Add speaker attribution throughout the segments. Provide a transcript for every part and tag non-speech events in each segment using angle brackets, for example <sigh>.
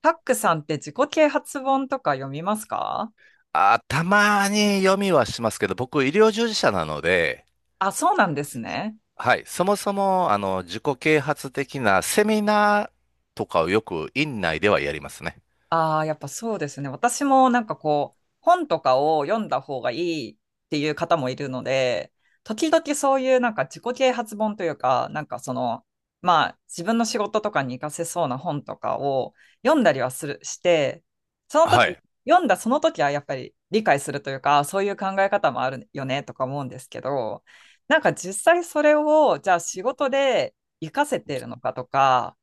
Speaker 1: タックさんって自己啓発本とか読みますか？
Speaker 2: あ、たまに読みはしますけど、僕、医療従事者なので、
Speaker 1: あ、そうなんですね。
Speaker 2: はい、そもそも、自己啓発的なセミナーとかをよく院内ではやりますね。
Speaker 1: ああ、やっぱそうですね。私もこう、本とかを読んだ方がいいっていう方もいるので、時々そういう自己啓発本というか、まあ自分の仕事とかに活かせそうな本とかを読んだりはする、して、その
Speaker 2: は
Speaker 1: 時、
Speaker 2: い。
Speaker 1: 読んだその時はやっぱり理解するというか、そういう考え方もあるよねとか思うんですけど、なんか実際それをじゃあ仕事で活かせているのかとか、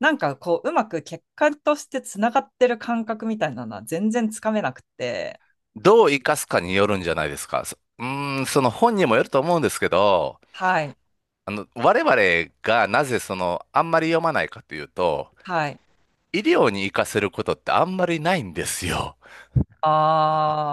Speaker 1: うまく結果としてつながってる感覚みたいなのは全然つかめなくて。
Speaker 2: どう活かすかによるんじゃないですか。そうーん、その本にもよると思うんですけど、
Speaker 1: はい。
Speaker 2: 我々がなぜその、あんまり読まないかというと、
Speaker 1: はい。
Speaker 2: 医療に活かせることってあんまりないんですよ。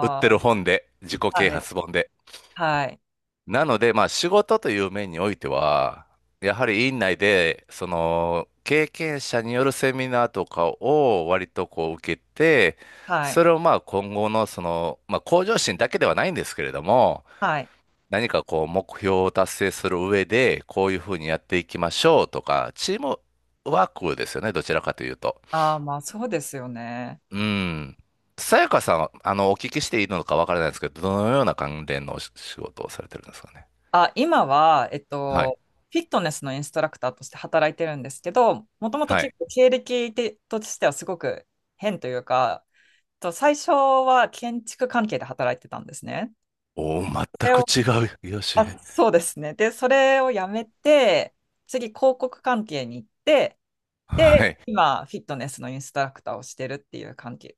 Speaker 2: 売って
Speaker 1: あ。
Speaker 2: る本で、自己啓
Speaker 1: はい、
Speaker 2: 発本で。
Speaker 1: はい、
Speaker 2: なので、まあ、仕事という面においては、やはり院内で、その、経験者によるセミナーとかを割とこう受けて、
Speaker 1: はい、
Speaker 2: それをまあ今後のその、まあ向上心だけではないんですけれども、
Speaker 1: はい。
Speaker 2: 何かこう目標を達成する上で、こういうふうにやっていきましょうとか、チームワークですよね、どちらかというと。
Speaker 1: ああ、まあそうですよね。
Speaker 2: うん。さやかさんは、お聞きしていいのかわからないですけど、どのような関連のお仕事をされてるんですかね。
Speaker 1: あ、今は、
Speaker 2: はい。
Speaker 1: フィットネスのインストラクターとして働いてるんですけど、もともと
Speaker 2: は
Speaker 1: 結
Speaker 2: い。
Speaker 1: 構経歴てとしてはすごく変というか、最初は建築関係で働いてたんですね。
Speaker 2: おー
Speaker 1: そ
Speaker 2: 全
Speaker 1: れ
Speaker 2: く
Speaker 1: を、
Speaker 2: 違う、よし。
Speaker 1: あ、そうですね。で、それをやめて、次、広告関係に行って、
Speaker 2: は
Speaker 1: で、
Speaker 2: い。
Speaker 1: 今、フィットネスのインストラクターをしてるっていう関係、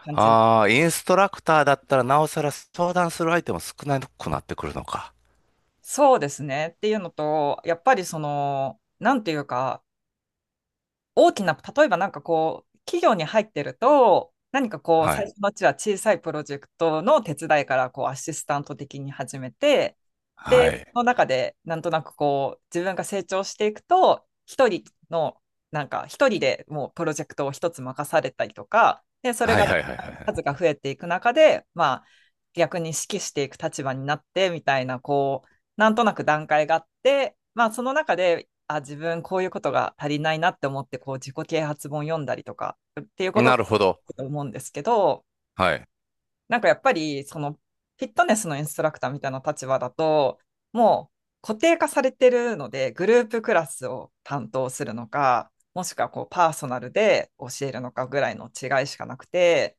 Speaker 1: 感じ。
Speaker 2: ああ、インストラクターだったらなおさら相談する相手も少なくなってくるのか。
Speaker 1: そうですね。っていうのと、やっぱりその、なんていうか、大きな、例えば企業に入ってると、何かこう、
Speaker 2: は
Speaker 1: 最
Speaker 2: い。
Speaker 1: 初のうちは小さいプロジェクトの手伝いから、こう、アシスタント的に始めて、で、
Speaker 2: は
Speaker 1: そ
Speaker 2: い。
Speaker 1: の中で、なんとなくこう、自分が成長していくと、一人の、なんか、一人でもうプロジェクトを一つ任されたりとか、で、それ
Speaker 2: はい
Speaker 1: が
Speaker 2: はいはい
Speaker 1: 数
Speaker 2: は
Speaker 1: が増えていく中で、まあ、逆に指揮していく立場になってみたいな、こう、なんとなく段階があって、まあ、その中で、あ、自分こういうことが足りないなって思って、こう、自己啓発本読んだりとかっていう
Speaker 2: い。
Speaker 1: こと
Speaker 2: な
Speaker 1: が
Speaker 2: るほ
Speaker 1: あ
Speaker 2: ど。
Speaker 1: ると思うんですけど、
Speaker 2: はい。
Speaker 1: なんかやっぱり、その、フィットネスのインストラクターみたいな立場だと、もう固定化されてるので、グループクラスを担当するのか、もしくはこうパーソナルで教えるのかぐらいの違いしかなくて、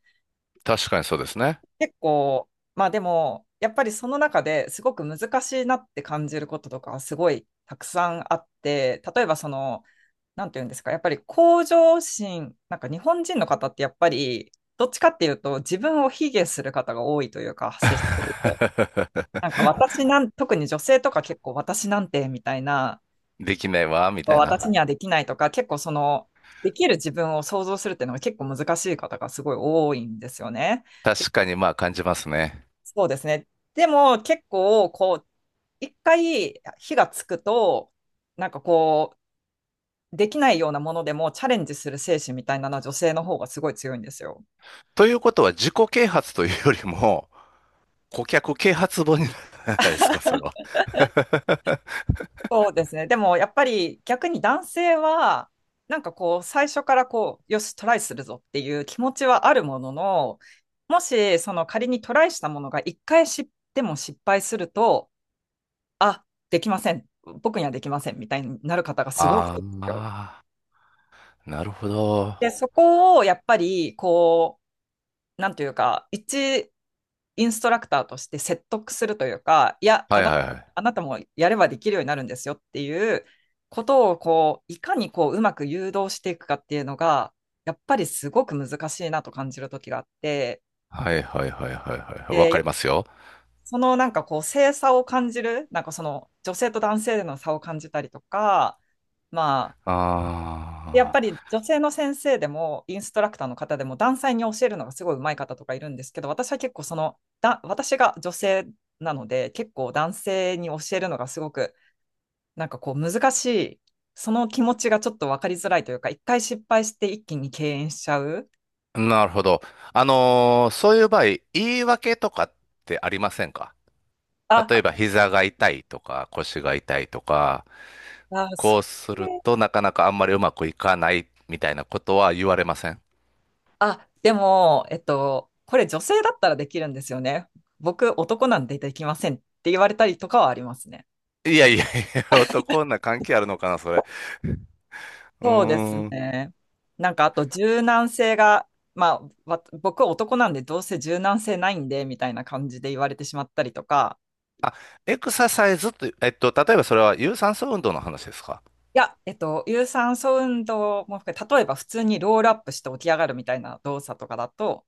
Speaker 2: 確かにそうですね。
Speaker 1: 結構、まあでも、やっぱりその中ですごく難しいなって感じることとかはすごいたくさんあって、例えばその、なんていうんですか、やっぱり向上心、なんか日本人の方ってやっぱり、どっちかっていうと自分を卑下する方が多いというか、接してると。なんか
Speaker 2: <laughs>
Speaker 1: 私なん、特に女性とか結構私なんてみたいな、
Speaker 2: できないわ、みたい
Speaker 1: 私
Speaker 2: な。
Speaker 1: にはできないとか、結構その、できる自分を想像するっていうのが結構難しい方がすごい多いんですよね。
Speaker 2: 確かにまあ感じますね。
Speaker 1: そうですね。でも結構こう一回火がつくとなんかこうできないようなものでもチャレンジする精神みたいなのは女性の方がすごい強いんですよ。
Speaker 2: ということは自己啓発というよりも、顧客啓発本にならないですか、それは。<laughs>
Speaker 1: そうですね。でもやっぱり逆に男性はなんかこう最初からこうよしトライするぞっていう気持ちはあるものの、もしその仮にトライしたものが一回しでも失敗すると、あ、できません僕にはできませんみたいになる方がすごい多い
Speaker 2: あ
Speaker 1: んですよ。
Speaker 2: あ、なるほど。
Speaker 1: で、そこをやっぱり、こう、なんというか、インストラクターとして説得するというか、いや、
Speaker 2: は
Speaker 1: あ
Speaker 2: い
Speaker 1: な、
Speaker 2: はいはい。
Speaker 1: あなたもやればできるようになるんですよっていうことを、こう、いかにこう、うまく誘導していくかっていうのが、やっぱりすごく難しいなと感じる時があって、
Speaker 2: はいはいはいはいはい。わか
Speaker 1: で、
Speaker 2: りますよ。
Speaker 1: そのなんかこう、性差を感じる、なんかその女性と男性での差を感じたりとか、まあ、やっ
Speaker 2: あ
Speaker 1: ぱり女性の先生でも、インストラクターの方でも、男性に教えるのがすごい上手い方とかいるんですけど、私は結構その、私が女性なので、結構男性に教えるのがすごく、なんかこう難しい、その気持ちがちょっと分かりづらいというか、一回失敗して一気に敬遠しちゃう。
Speaker 2: あ、なるほど。そういう場合、言い訳とかってありませんか？
Speaker 1: あ、
Speaker 2: 例えば、膝が痛いとか、腰が痛いとか、
Speaker 1: あ、そ
Speaker 2: こうす
Speaker 1: う
Speaker 2: る
Speaker 1: ね。
Speaker 2: となかなかあんまりうまくいかないみたいなことは言われません？
Speaker 1: あ、でも、えっと、これ女性だったらできるんですよね。僕、男なんでできませんって言われたりとかはありますね。
Speaker 2: いやいやいや、<laughs> 男な関係あるのかな、それ。う
Speaker 1: そうです
Speaker 2: ーん。
Speaker 1: ね。なんかあと柔軟性が、まあ、僕は男なんでどうせ柔軟性ないんでみたいな感じで言われてしまったりとか、
Speaker 2: あ、エクササイズって、例えばそれは有酸素運動の話ですか？
Speaker 1: いや、有酸素運動も含めて、例えば普通にロールアップして起き上がるみたいな動作とかだと、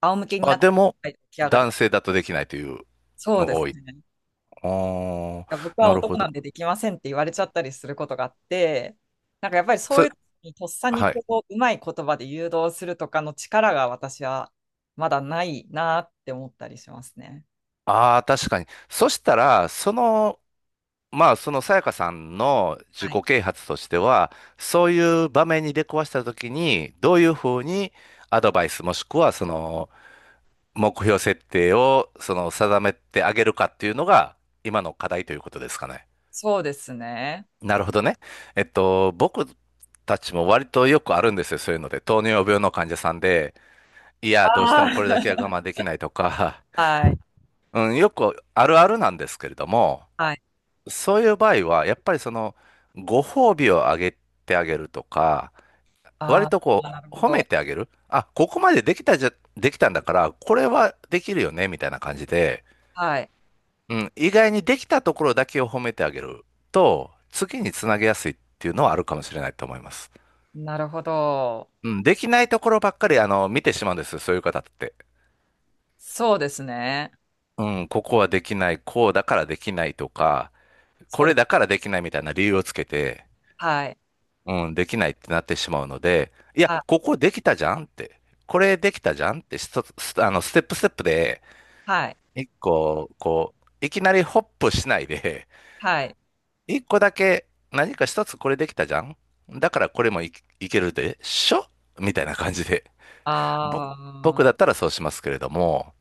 Speaker 1: 仰向けに
Speaker 2: あ、
Speaker 1: なっ
Speaker 2: でも、
Speaker 1: て起き上がる
Speaker 2: 男
Speaker 1: とか。
Speaker 2: 性だとできないという
Speaker 1: そう
Speaker 2: の
Speaker 1: で
Speaker 2: が
Speaker 1: す
Speaker 2: 多い。
Speaker 1: ね。
Speaker 2: あ
Speaker 1: が
Speaker 2: あ、
Speaker 1: 僕は
Speaker 2: なる
Speaker 1: 男
Speaker 2: ほ
Speaker 1: な
Speaker 2: ど。
Speaker 1: んでできませんって言われちゃったりすることがあって、なんかやっぱりそう
Speaker 2: そ、
Speaker 1: いう時にとっさに
Speaker 2: は
Speaker 1: こ
Speaker 2: い。
Speaker 1: う、うまい言葉で誘導するとかの力が私はまだないなって思ったりしますね。
Speaker 2: ああ、確かに。そしたら、その、まあ、そのさやかさんの自
Speaker 1: は
Speaker 2: 己
Speaker 1: い。
Speaker 2: 啓発としては、そういう場面に出くわしたときに、どういうふうにアドバイスもしくは、その、目標設定を、その、定めてあげるかっていうのが、今の課題ということですかね。
Speaker 1: そうですね。
Speaker 2: なるほどね。僕たちも割とよくあるんですよ、そういうので。糖尿病の患者さんで、いや、どうして
Speaker 1: あ
Speaker 2: もこれだけは我慢
Speaker 1: ー。
Speaker 2: できないとか、
Speaker 1: <laughs> はい。
Speaker 2: うん、よくあるあるなんですけれども、
Speaker 1: はい。
Speaker 2: そういう場合は、やっぱりその、ご褒美をあげてあげるとか、
Speaker 1: あ
Speaker 2: 割
Speaker 1: あ、
Speaker 2: とこ
Speaker 1: なる
Speaker 2: う、
Speaker 1: ほ
Speaker 2: 褒め
Speaker 1: ど。
Speaker 2: てあげる。あ、ここまでできたじゃ、できたんだから、これはできるよね、みたいな感じで、
Speaker 1: はい。
Speaker 2: うん、意外にできたところだけを褒めてあげると、次につなげやすいっていうのはあるかもしれないと思います。
Speaker 1: なるほど。
Speaker 2: うん、できないところばっかり、見てしまうんですよ、そういう方って。
Speaker 1: そうですね。
Speaker 2: うん、ここはできない、こうだからできないとか、こ
Speaker 1: そうで
Speaker 2: れだ
Speaker 1: す。
Speaker 2: からできないみたいな理由をつけて、
Speaker 1: はい。
Speaker 2: うん、できないってなってしまうので、いや、
Speaker 1: はい。
Speaker 2: ここできたじゃんって、これできたじゃんって、ストスステップステップで、
Speaker 1: はい。
Speaker 2: 一個、こう、いきなりホップしないで、
Speaker 1: はい。
Speaker 2: <laughs> 一個だけ何か一つこれできたじゃんだからこれいけるでしょみたいな感じで。ぼ
Speaker 1: あ
Speaker 2: 僕だっ
Speaker 1: あ。
Speaker 2: たらそうしますけれども、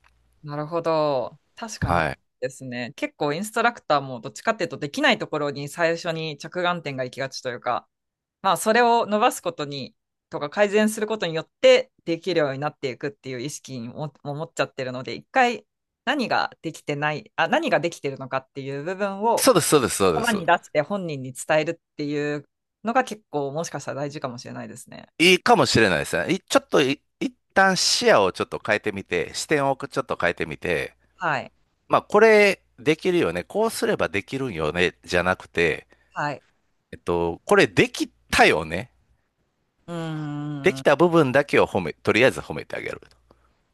Speaker 1: なるほど。確かに
Speaker 2: はい。
Speaker 1: ですね。結構インストラクターもどっちかっていうとできないところに最初に着眼点が行きがちというか、まあそれを伸ばすことに、とか改善することによってできるようになっていくっていう意識にも持っちゃってるので、一回何ができてない、あ、何ができてるのかっていう部分を
Speaker 2: そうです、そうです、そうで
Speaker 1: 言葉
Speaker 2: す。
Speaker 1: に出して本人に伝えるっていうのが結構もしかしたら大事かもしれないですね。
Speaker 2: いいかもしれないですね。いちょっとい、一旦視野をちょっと変えてみて、視点をちょっと変えてみて、
Speaker 1: はい。
Speaker 2: まあ、これできるよね。こうすればできるんよね。じゃなくて、
Speaker 1: はい。
Speaker 2: これできたよね。
Speaker 1: う
Speaker 2: で
Speaker 1: ーん。
Speaker 2: きた部分だけを褒め、とりあえず褒めてあげる。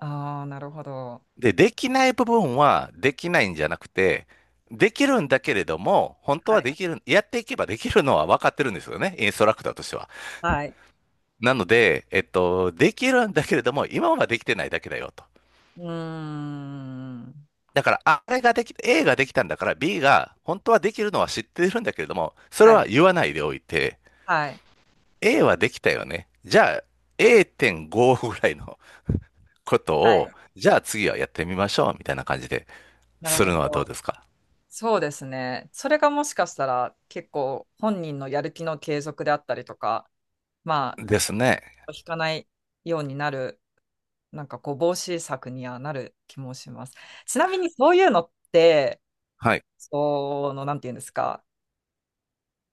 Speaker 1: ああ、なるほど。
Speaker 2: で、できない部分はできないんじゃなくて、できるんだけれども、本当
Speaker 1: は
Speaker 2: は
Speaker 1: い。
Speaker 2: できる、やっていけばできるのは分かってるんですよね。インストラクターとしては。
Speaker 1: はい。
Speaker 2: なので、できるんだけれども、今はできてないだけだよと。
Speaker 1: うーん。
Speaker 2: だから、ああれができ、A ができたんだから B が本当はできるのは知ってるんだけれども、それ
Speaker 1: はい。
Speaker 2: は言わないでおいて、
Speaker 1: はい。
Speaker 2: A はできたよね。じゃあ A.5 ぐらいのこと
Speaker 1: は
Speaker 2: を、
Speaker 1: い。
Speaker 2: じゃあ次はやってみましょう、みたいな感じで
Speaker 1: なる
Speaker 2: する
Speaker 1: ほ
Speaker 2: のはどう
Speaker 1: ど。
Speaker 2: ですか？
Speaker 1: そうですね。それがもしかしたら結構本人のやる気の継続であったりとか、ま
Speaker 2: ですね。
Speaker 1: あ、引かないようになる、なんかこう、防止策にはなる気もします。ちなみにそういうのって、
Speaker 2: はい。
Speaker 1: その、なんていうんですか、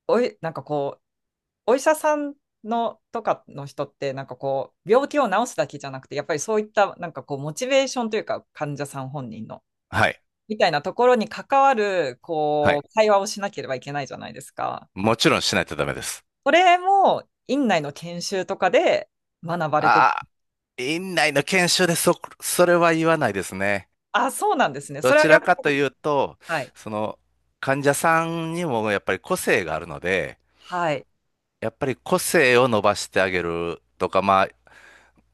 Speaker 1: おい、なんかこう、お医者さんのとかの人って、なんかこう、病気を治すだけじゃなくて、やっぱりそういった、なんかこう、モチベーションというか、患者さん本人の、
Speaker 2: はい。
Speaker 1: みたいなところに関わる、
Speaker 2: は
Speaker 1: こ
Speaker 2: い。
Speaker 1: う、会話をしなければいけないじゃないですか。
Speaker 2: もちろんしないとダメです。
Speaker 1: これも、院内の研修とかで学ばれてる。
Speaker 2: ああ、院内の研修でそ、それは言わないですね。
Speaker 1: あ、そうなんですね。そ
Speaker 2: ど
Speaker 1: れは
Speaker 2: ち
Speaker 1: や
Speaker 2: ら
Speaker 1: っぱ
Speaker 2: かとい
Speaker 1: り、
Speaker 2: うと、
Speaker 1: はい、
Speaker 2: その、患者さんにもやっぱり個性があるので、
Speaker 1: はい、
Speaker 2: やっぱり個性を伸ばしてあげるとか、ま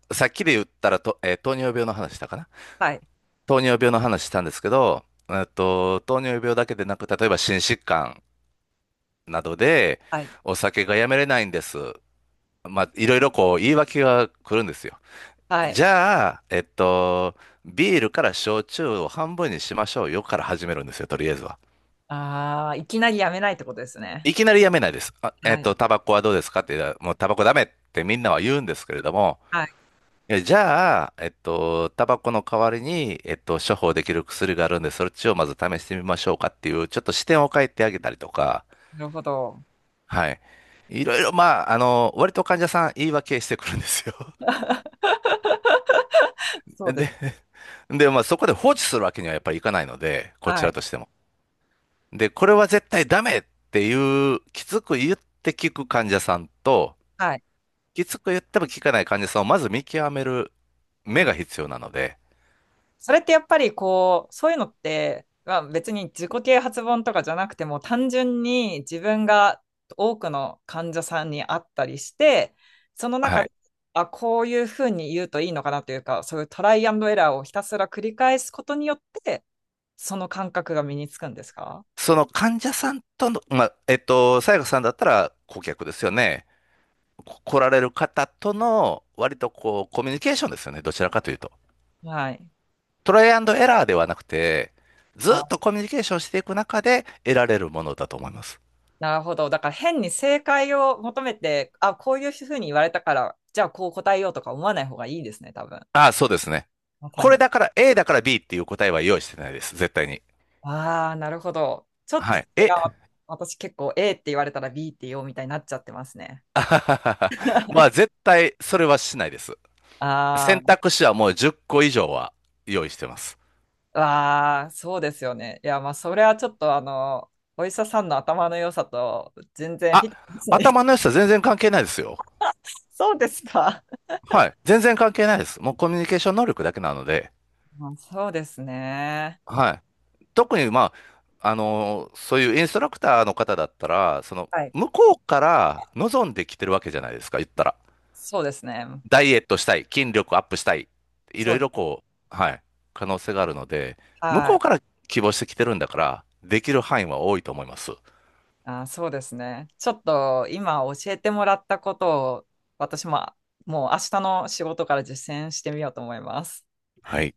Speaker 2: あ、さっきで言ったらと、糖尿病の話したかな？
Speaker 1: はい、
Speaker 2: 糖尿病の話したんですけど、糖尿病だけでなく、例えば心疾患などで、
Speaker 1: はい、
Speaker 2: お酒がやめれないんです。まあ、いろいろこう、言い訳が来るんですよ。
Speaker 1: は
Speaker 2: じ
Speaker 1: い。
Speaker 2: ゃあ、ビールから焼酎を半分にしましょうよから始めるんですよ、とりあえずは。
Speaker 1: ああ、いきなりやめないってことですね。
Speaker 2: いきなりやめないです。
Speaker 1: はい、
Speaker 2: タバコはどうですかって言ったら、もうタバコダメってみんなは言うんですけれども、
Speaker 1: はい、
Speaker 2: じゃあ、タバコの代わりに、処方できる薬があるんで、そっちをまず試してみましょうかっていう、ちょっと視点を変えてあげたりとか、
Speaker 1: なるほど。
Speaker 2: はい。いろいろ、まあ、割と患者さん言い訳してくるんですよ。
Speaker 1: <laughs>
Speaker 2: <laughs>
Speaker 1: そうで
Speaker 2: で、
Speaker 1: す。
Speaker 2: で、まあ、そこで放置するわけにはやっぱりいかないので、こち
Speaker 1: は
Speaker 2: ら
Speaker 1: い、
Speaker 2: としても。で、これは絶対ダメっていう、きつく言って聞く患者さんと、
Speaker 1: はい。
Speaker 2: きつく言っても聞かない患者さんをまず見極める
Speaker 1: う
Speaker 2: 目
Speaker 1: ん。
Speaker 2: が必要なので、
Speaker 1: それってやっぱりこう、そういうのって、まあ、別に自己啓発本とかじゃなくても、単純に自分が多くの患者さんに会ったりして、その
Speaker 2: は
Speaker 1: 中で、
Speaker 2: い。
Speaker 1: あ、こういうふうに言うといいのかなというか、そういうトライアンドエラーをひたすら繰り返すことによって、その感覚が身につくんですか？
Speaker 2: その患者さんとの、まあ、さやかさんだったら顧客ですよね。こ来られる方との割とこうコミュニケーションですよね。どちらかというと。
Speaker 1: はい。
Speaker 2: トライアンドエラーではなくて、ずっ
Speaker 1: あ、
Speaker 2: とコミュニケーションしていく中で得られるものだと思います。
Speaker 1: なるほど。だから変に正解を求めて、あ、こういうふうに言われたから、じゃあこう答えようとか思わない方がいいですね、多分。
Speaker 2: ああ、そうですね。
Speaker 1: まさ
Speaker 2: これ
Speaker 1: に。
Speaker 2: だから A だから B っていう答えは用意してないです。絶対に。
Speaker 1: ああ、なるほど。ちょっと
Speaker 2: は
Speaker 1: そ
Speaker 2: い。
Speaker 1: れ
Speaker 2: え、
Speaker 1: が
Speaker 2: <laughs>
Speaker 1: 私結構 A って言われたら B って言おうみたいになっちゃってますね。
Speaker 2: あははははまあ絶対それはしないです。選
Speaker 1: あ
Speaker 2: 択肢はもう10個以上は用意してます。
Speaker 1: あ、わあ、そうですよね。いや、まあ、それはちょっとあの、お医者さんの頭の良さと全然フ
Speaker 2: あ、
Speaker 1: ィットしないですね。
Speaker 2: 頭の良さ全然関係ないですよ。
Speaker 1: <laughs> そうですか。<laughs>
Speaker 2: はい。全然関係ないです。もうコミュニケーション能力だけなので、
Speaker 1: まあそうですね。
Speaker 2: はい。特に、まあ、そういうインストラクターの方だったら、その、
Speaker 1: はい。
Speaker 2: 向こうから望んできてるわけじゃないですか、言ったら。
Speaker 1: そうですね。
Speaker 2: ダイエットしたい、筋力アップしたい、い
Speaker 1: そ
Speaker 2: ろい
Speaker 1: う、
Speaker 2: ろこう、はい、可能性があるので、向
Speaker 1: は
Speaker 2: こう
Speaker 1: い。
Speaker 2: から希望してきてるんだから、できる範囲は多いと思います。
Speaker 1: あ、そうですね。ちょっと今教えてもらったことを私ももう明日の仕事から実践してみようと思います。
Speaker 2: はい。